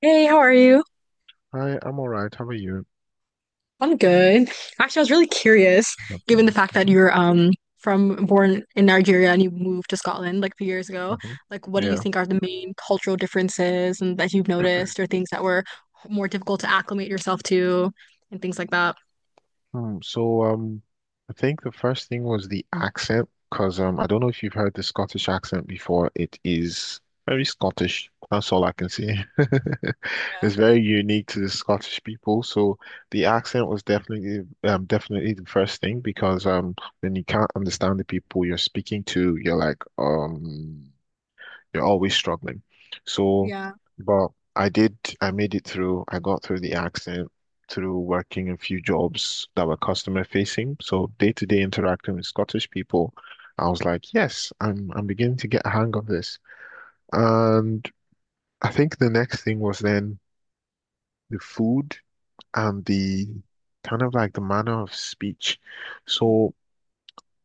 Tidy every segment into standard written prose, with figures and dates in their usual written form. Hey, how are you? Hi, I'm all right. How are you? I'm good. Actually, I was really curious, Lovely. given the fact that Mhm. you're from born in Nigeria and you moved to Scotland like a few years ago. Uh-huh. Like, what do you Yeah. think are the main cultural differences and that you've noticed, or things that were more difficult to acclimate yourself to, and things like that? So I think the first thing was the accent, because I don't know if you've heard the Scottish accent before. It is very Scottish. That's all I can say. Yeah. It's very unique to the Scottish people. So the accent was definitely definitely the first thing because when you can't understand the people you're speaking to, you're like. You're always struggling. So, Yeah. but I did, I made it through. I got through the accident through working a few jobs that were customer facing. So day-to-day interacting with Scottish people, I was like, yes, I'm beginning to get a hang of this. And I think the next thing was then the food and the Mm, kind of like the manner of speech. So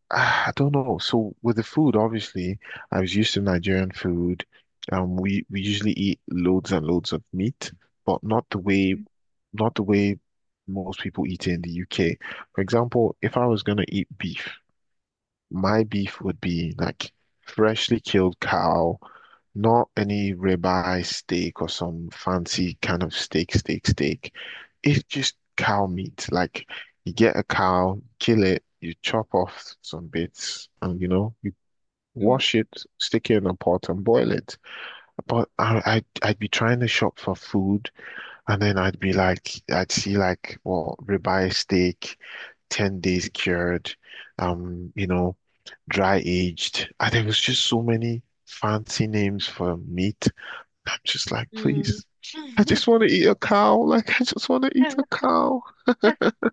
I don't know. So with the food, obviously, I was used to Nigerian food. We usually eat loads and loads of meat, but not the way most people eat it in the UK. For example, if I was gonna eat beef, my beef would be like freshly killed cow, not any ribeye steak or some fancy kind of steak, steak. It's just cow meat. Like you get a cow, kill it, you chop off some bits, and you know, you mm, wash it, stick it in a pot and boil it. But I'd be trying to shop for food, and then I'd be like, I'd see like, well, ribeye steak, 10 days cured, you know, dry aged. And there was just so many fancy names for meat. I'm just like, mm, please. I mm. just want to eat a cow. Like, I just want to eat a cow.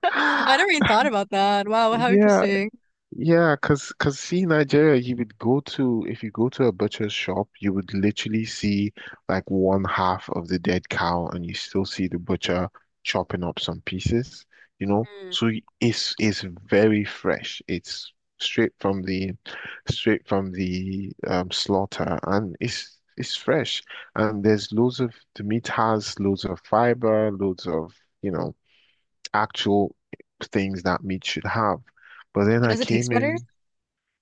I never even thought about that. Wow, how Yeah. interesting. Yeah, cause see Nigeria, you would go to if you go to a butcher's shop, you would literally see like one half of the dead cow, and you still see the butcher chopping up some pieces, you know. Mm. So it's very fresh. It's straight from the straight from the slaughter, and it's fresh. And the meat has loads of fiber, loads of you know actual things that meat should have. But then So I does it taste came better? in.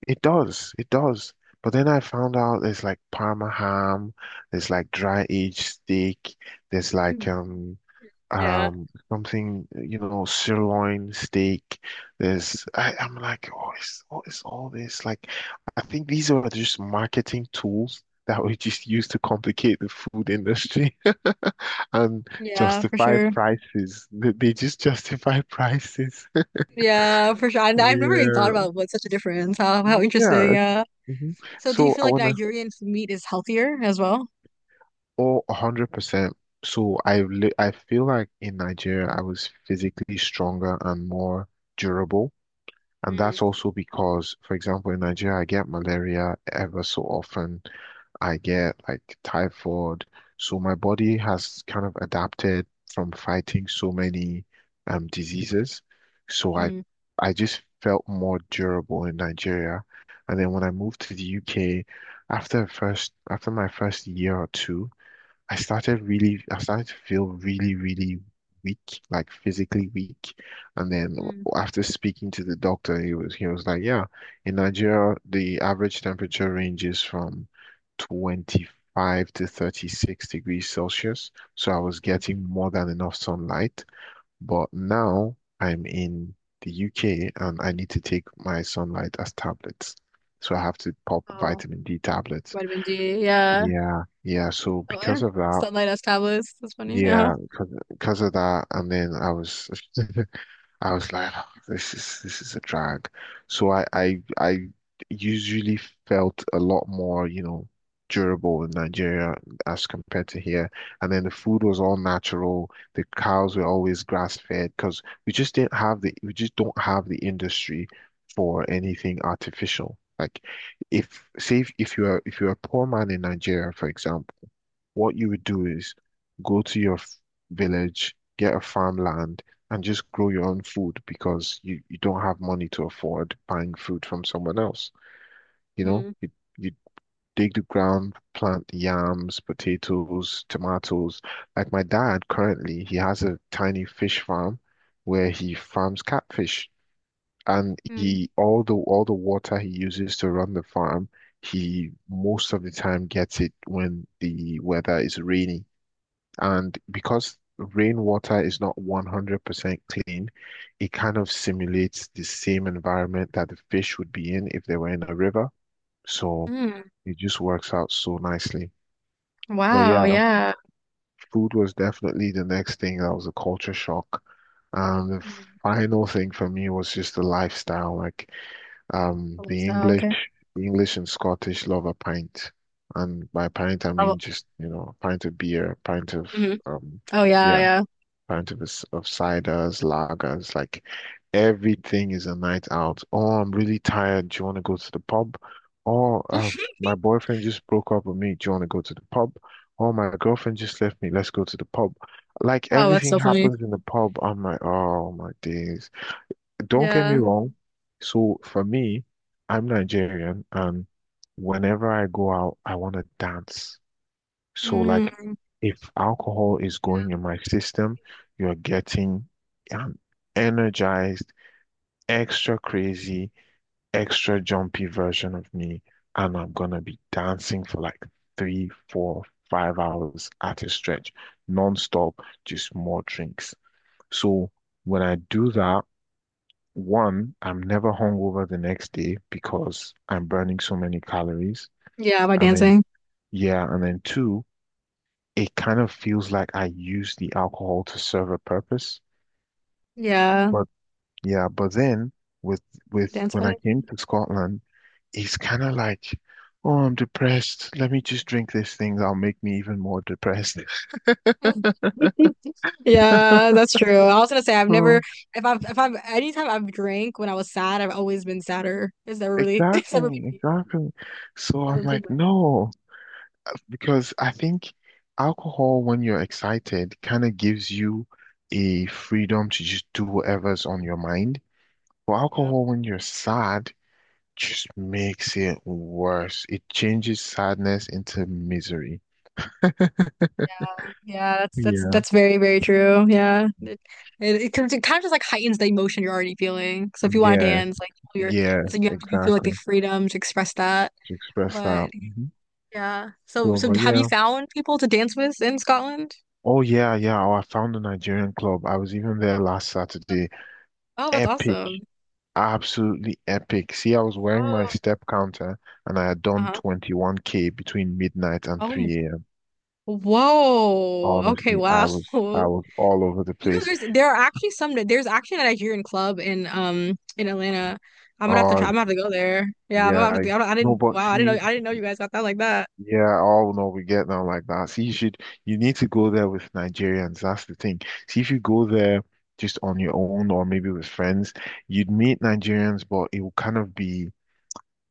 It does, it does. But then I found out there's like Parma ham, there's like dry aged steak, there's like Mm. Yeah. Something, you know, sirloin steak. I'm like, oh, is, what is all this? Like, I think these are just marketing tools that we just use to complicate the food industry and Yeah, for justify sure. prices. They just justify prices. Yeah, for sure. And I've never even thought Yeah, about what such a difference. How interesting. yeah. Yeah. Mhm. So do you So feel I like when I Nigerian f- meat is healthier as well? Oh, 100%. I feel like in Nigeria I was physically stronger and more durable. And Mm. that's also because, for example, in Nigeria I get malaria ever so often. I get like typhoid. So my body has kind of adapted from fighting so many diseases. So I Mm. I just felt more durable in Nigeria. And then when I moved to the UK, after my first year or two. I started to feel really, really weak, like physically weak. And then Mm. after speaking to the doctor, he was like, yeah, in Nigeria, the average temperature ranges from 25 to 36 degrees Celsius. So I was Mm. getting more than enough sunlight. But now I'm in the UK and I need to take my sunlight as tablets. So I have to pop Oh, vitamin D tablets. vitamin D. Yeah. Yeah, yeah. So Oh, because I- of that, Sunlight as tablets. That's funny. Yeah. yeah, and then I was, I was like, "Oh, this is a drag." So I usually felt a lot more, you know, durable in Nigeria as compared to here. And then the food was all natural. The cows were always grass fed because we just don't have the industry for anything artificial. Like if you're a poor man in Nigeria, for example. What you would do is go to your village, get a farmland, and just grow your own food because you don't have money to afford buying food from someone else. You know, Mm. You dig the ground, plant yams, potatoes, tomatoes. Like my dad currently, he has a tiny fish farm where he farms catfish. And Mm. he all the water he uses to run the farm, he most of the time gets it when the weather is rainy. And because rainwater is not 100% clean, it kind of simulates the same environment that the fish would be in if they were in a river. So Mm. it just works out so nicely. But Wow. yeah, Yeah. food was definitely the next thing that was a culture shock. And the Mm. final thing for me was just the lifestyle. Like um, Oh, the lifestyle, English, okay. the English and Scottish love a pint. And by pint, I Oh, mean just, you know, a pint of beer, a pint of mm. um, Oh, yeah. yeah, Yeah. pint of, of ciders, lagers, like everything is a night out. Oh, I'm really tired. Do you want to go to the pub? Oh, my boyfriend just broke up with me. Do you want to go to the pub? Oh, my girlfriend just left me. Let's go to the pub. Like Oh, that's everything so funny. happens in the pub. I'm like, oh my days. Don't get me Yeah. wrong. So for me, I'm Nigerian, and whenever I go out, I want to dance. So like Mm. if alcohol is going in my system, you're getting an energized, extra crazy, extra jumpy version of me. And I'm gonna be dancing for like three, four, 5 hours at a stretch, non-stop, just more drinks. So when I do that, one, I'm never hungover the next day because I'm burning so many calories. Yeah. By And then dancing. yeah, and then two, it kind of feels like I use the alcohol to serve a purpose. Yeah. But yeah, but then with with Dance when I came to Scotland, it's kind of like, oh, I'm depressed. Let me just drink this thing that'll make me even more depressed. wedding. Yeah, that's true. I was gonna say I've never So if I've if I've anytime I've drank when I was sad, I've always been sadder. It's never really it's never exactly, made exactly. So never I'm improved like, my mood. no, because I think alcohol when you're excited kind of gives you a freedom to just do whatever's on your mind. But Yeah. alcohol when you're sad just makes it worse. It changes sadness into misery. Yeah. Yeah, that's that's Yeah, that's very, very true. Yeah. It kind of just like heightens the emotion you're already feeling. So if you want to yeah, dance, like you're yeah, it's like you have to you feel like the exactly. freedom to express that. To express But that. Mhm. yeah. So So, so but have you yeah. found people to dance with in Scotland? Oh, yeah, yeah. Oh, I found a Nigerian club. I was even there last That's- Saturday. Oh, that's Epic. awesome. Absolutely epic. See, I was wearing my Oh, step counter and I had done uh-huh. 21K between midnight and Oh, 3 a.m. whoa. Okay, Honestly, wow. I was all over the You know, place. there are actually some there's actually a Nigerian club in Atlanta. I'm gonna have to Oh, try. I'm gonna have to go there. Yeah, I'm gonna yeah, have I to. I, don't, I no, didn't. but Wow, I didn't see, know. I didn't know you guys got that like that. yeah, all know we get down like that. See, you need to go there with Nigerians. That's the thing. See, if you go there just on your own or maybe with friends, you'd meet Nigerians, but it will kind of be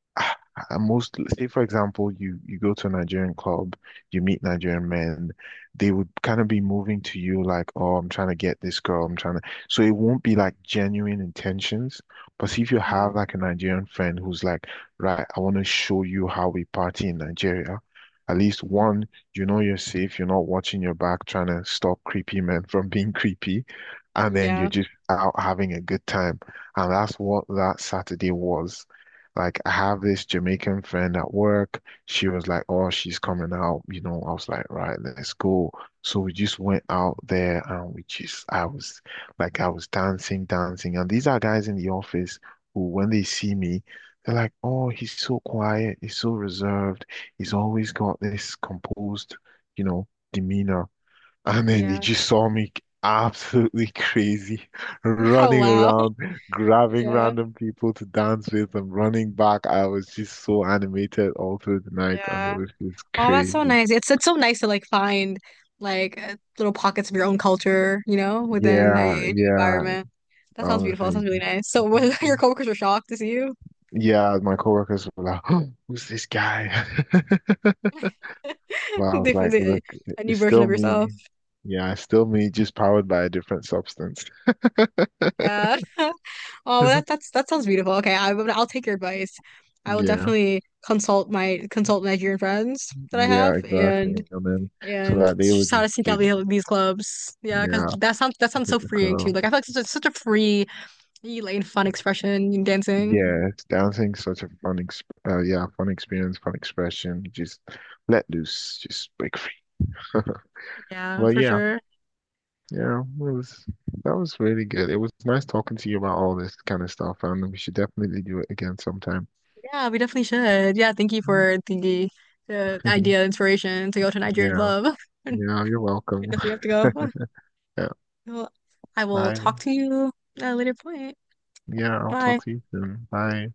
most, say for example, you go to a Nigerian club, you meet Nigerian men, they would kind of be moving to you like, oh, I'm trying to get this girl, I'm trying to so it won't be like genuine intentions. But see, if you Mm, have like a Nigerian friend who's like, right, I want to show you how we party in Nigeria, at least mhm. one, you know, you're safe, you're not watching your back trying to stop creepy men from being creepy, and Mm, then yeah, you're just out having a good time. And that's what that Saturday was like. I have this Jamaican friend at work. She was like, "Oh, she's coming out." You know, I was like, "Right, let's go." So we just went out there, and we just, I was dancing, dancing. And these are guys in the office who, when they see me, they're like, "Oh, he's so quiet. He's so reserved. He's always got this composed, you know, demeanor." And then they yeah. just saw me absolutely crazy, Oh, running wow. around, grabbing Yeah, random people to dance with and running back. I was just so animated all through the night, and yeah. it was just Oh, that's so crazy. nice. It's so nice to like find like little pockets of your own culture, you know, within Yeah, a new yeah, environment. That sounds beautiful. That honestly. sounds really nice. So, was your coworkers were shocked to see you? Yeah, my coworkers were like, who's this guy? But I was like, Definitely look, a new it's version still of yourself. me. Yeah, it's still me, just powered by a different substance. Yeah. Oh, well, that that's that sounds beautiful. Okay, I'll take your advice. I will Yeah, definitely consult Nigerian friends that I yeah, have exactly. And then so and that they would just how just to seek they, out these clubs. Yeah, because yeah, that sounds so freeing too. cool. Like I feel like such a free, and fun expression in dancing. Yeah, it's dancing such a fun ex yeah, fun experience, fun expression. Just let loose, just break free. Yeah, But for yeah, sure. yeah, it was that was really good. It was nice talking to you about all this kind of stuff, and we should definitely do it again sometime. Yeah, we definitely should. Yeah, thank you Mm. for the idea, inspiration to go to a Nigerian Yeah, club. I yeah, you're welcome. guess we have to go. Yeah, Well, I will talk bye. to you at a later point. Yeah, I'll Bye. talk to you soon. Bye.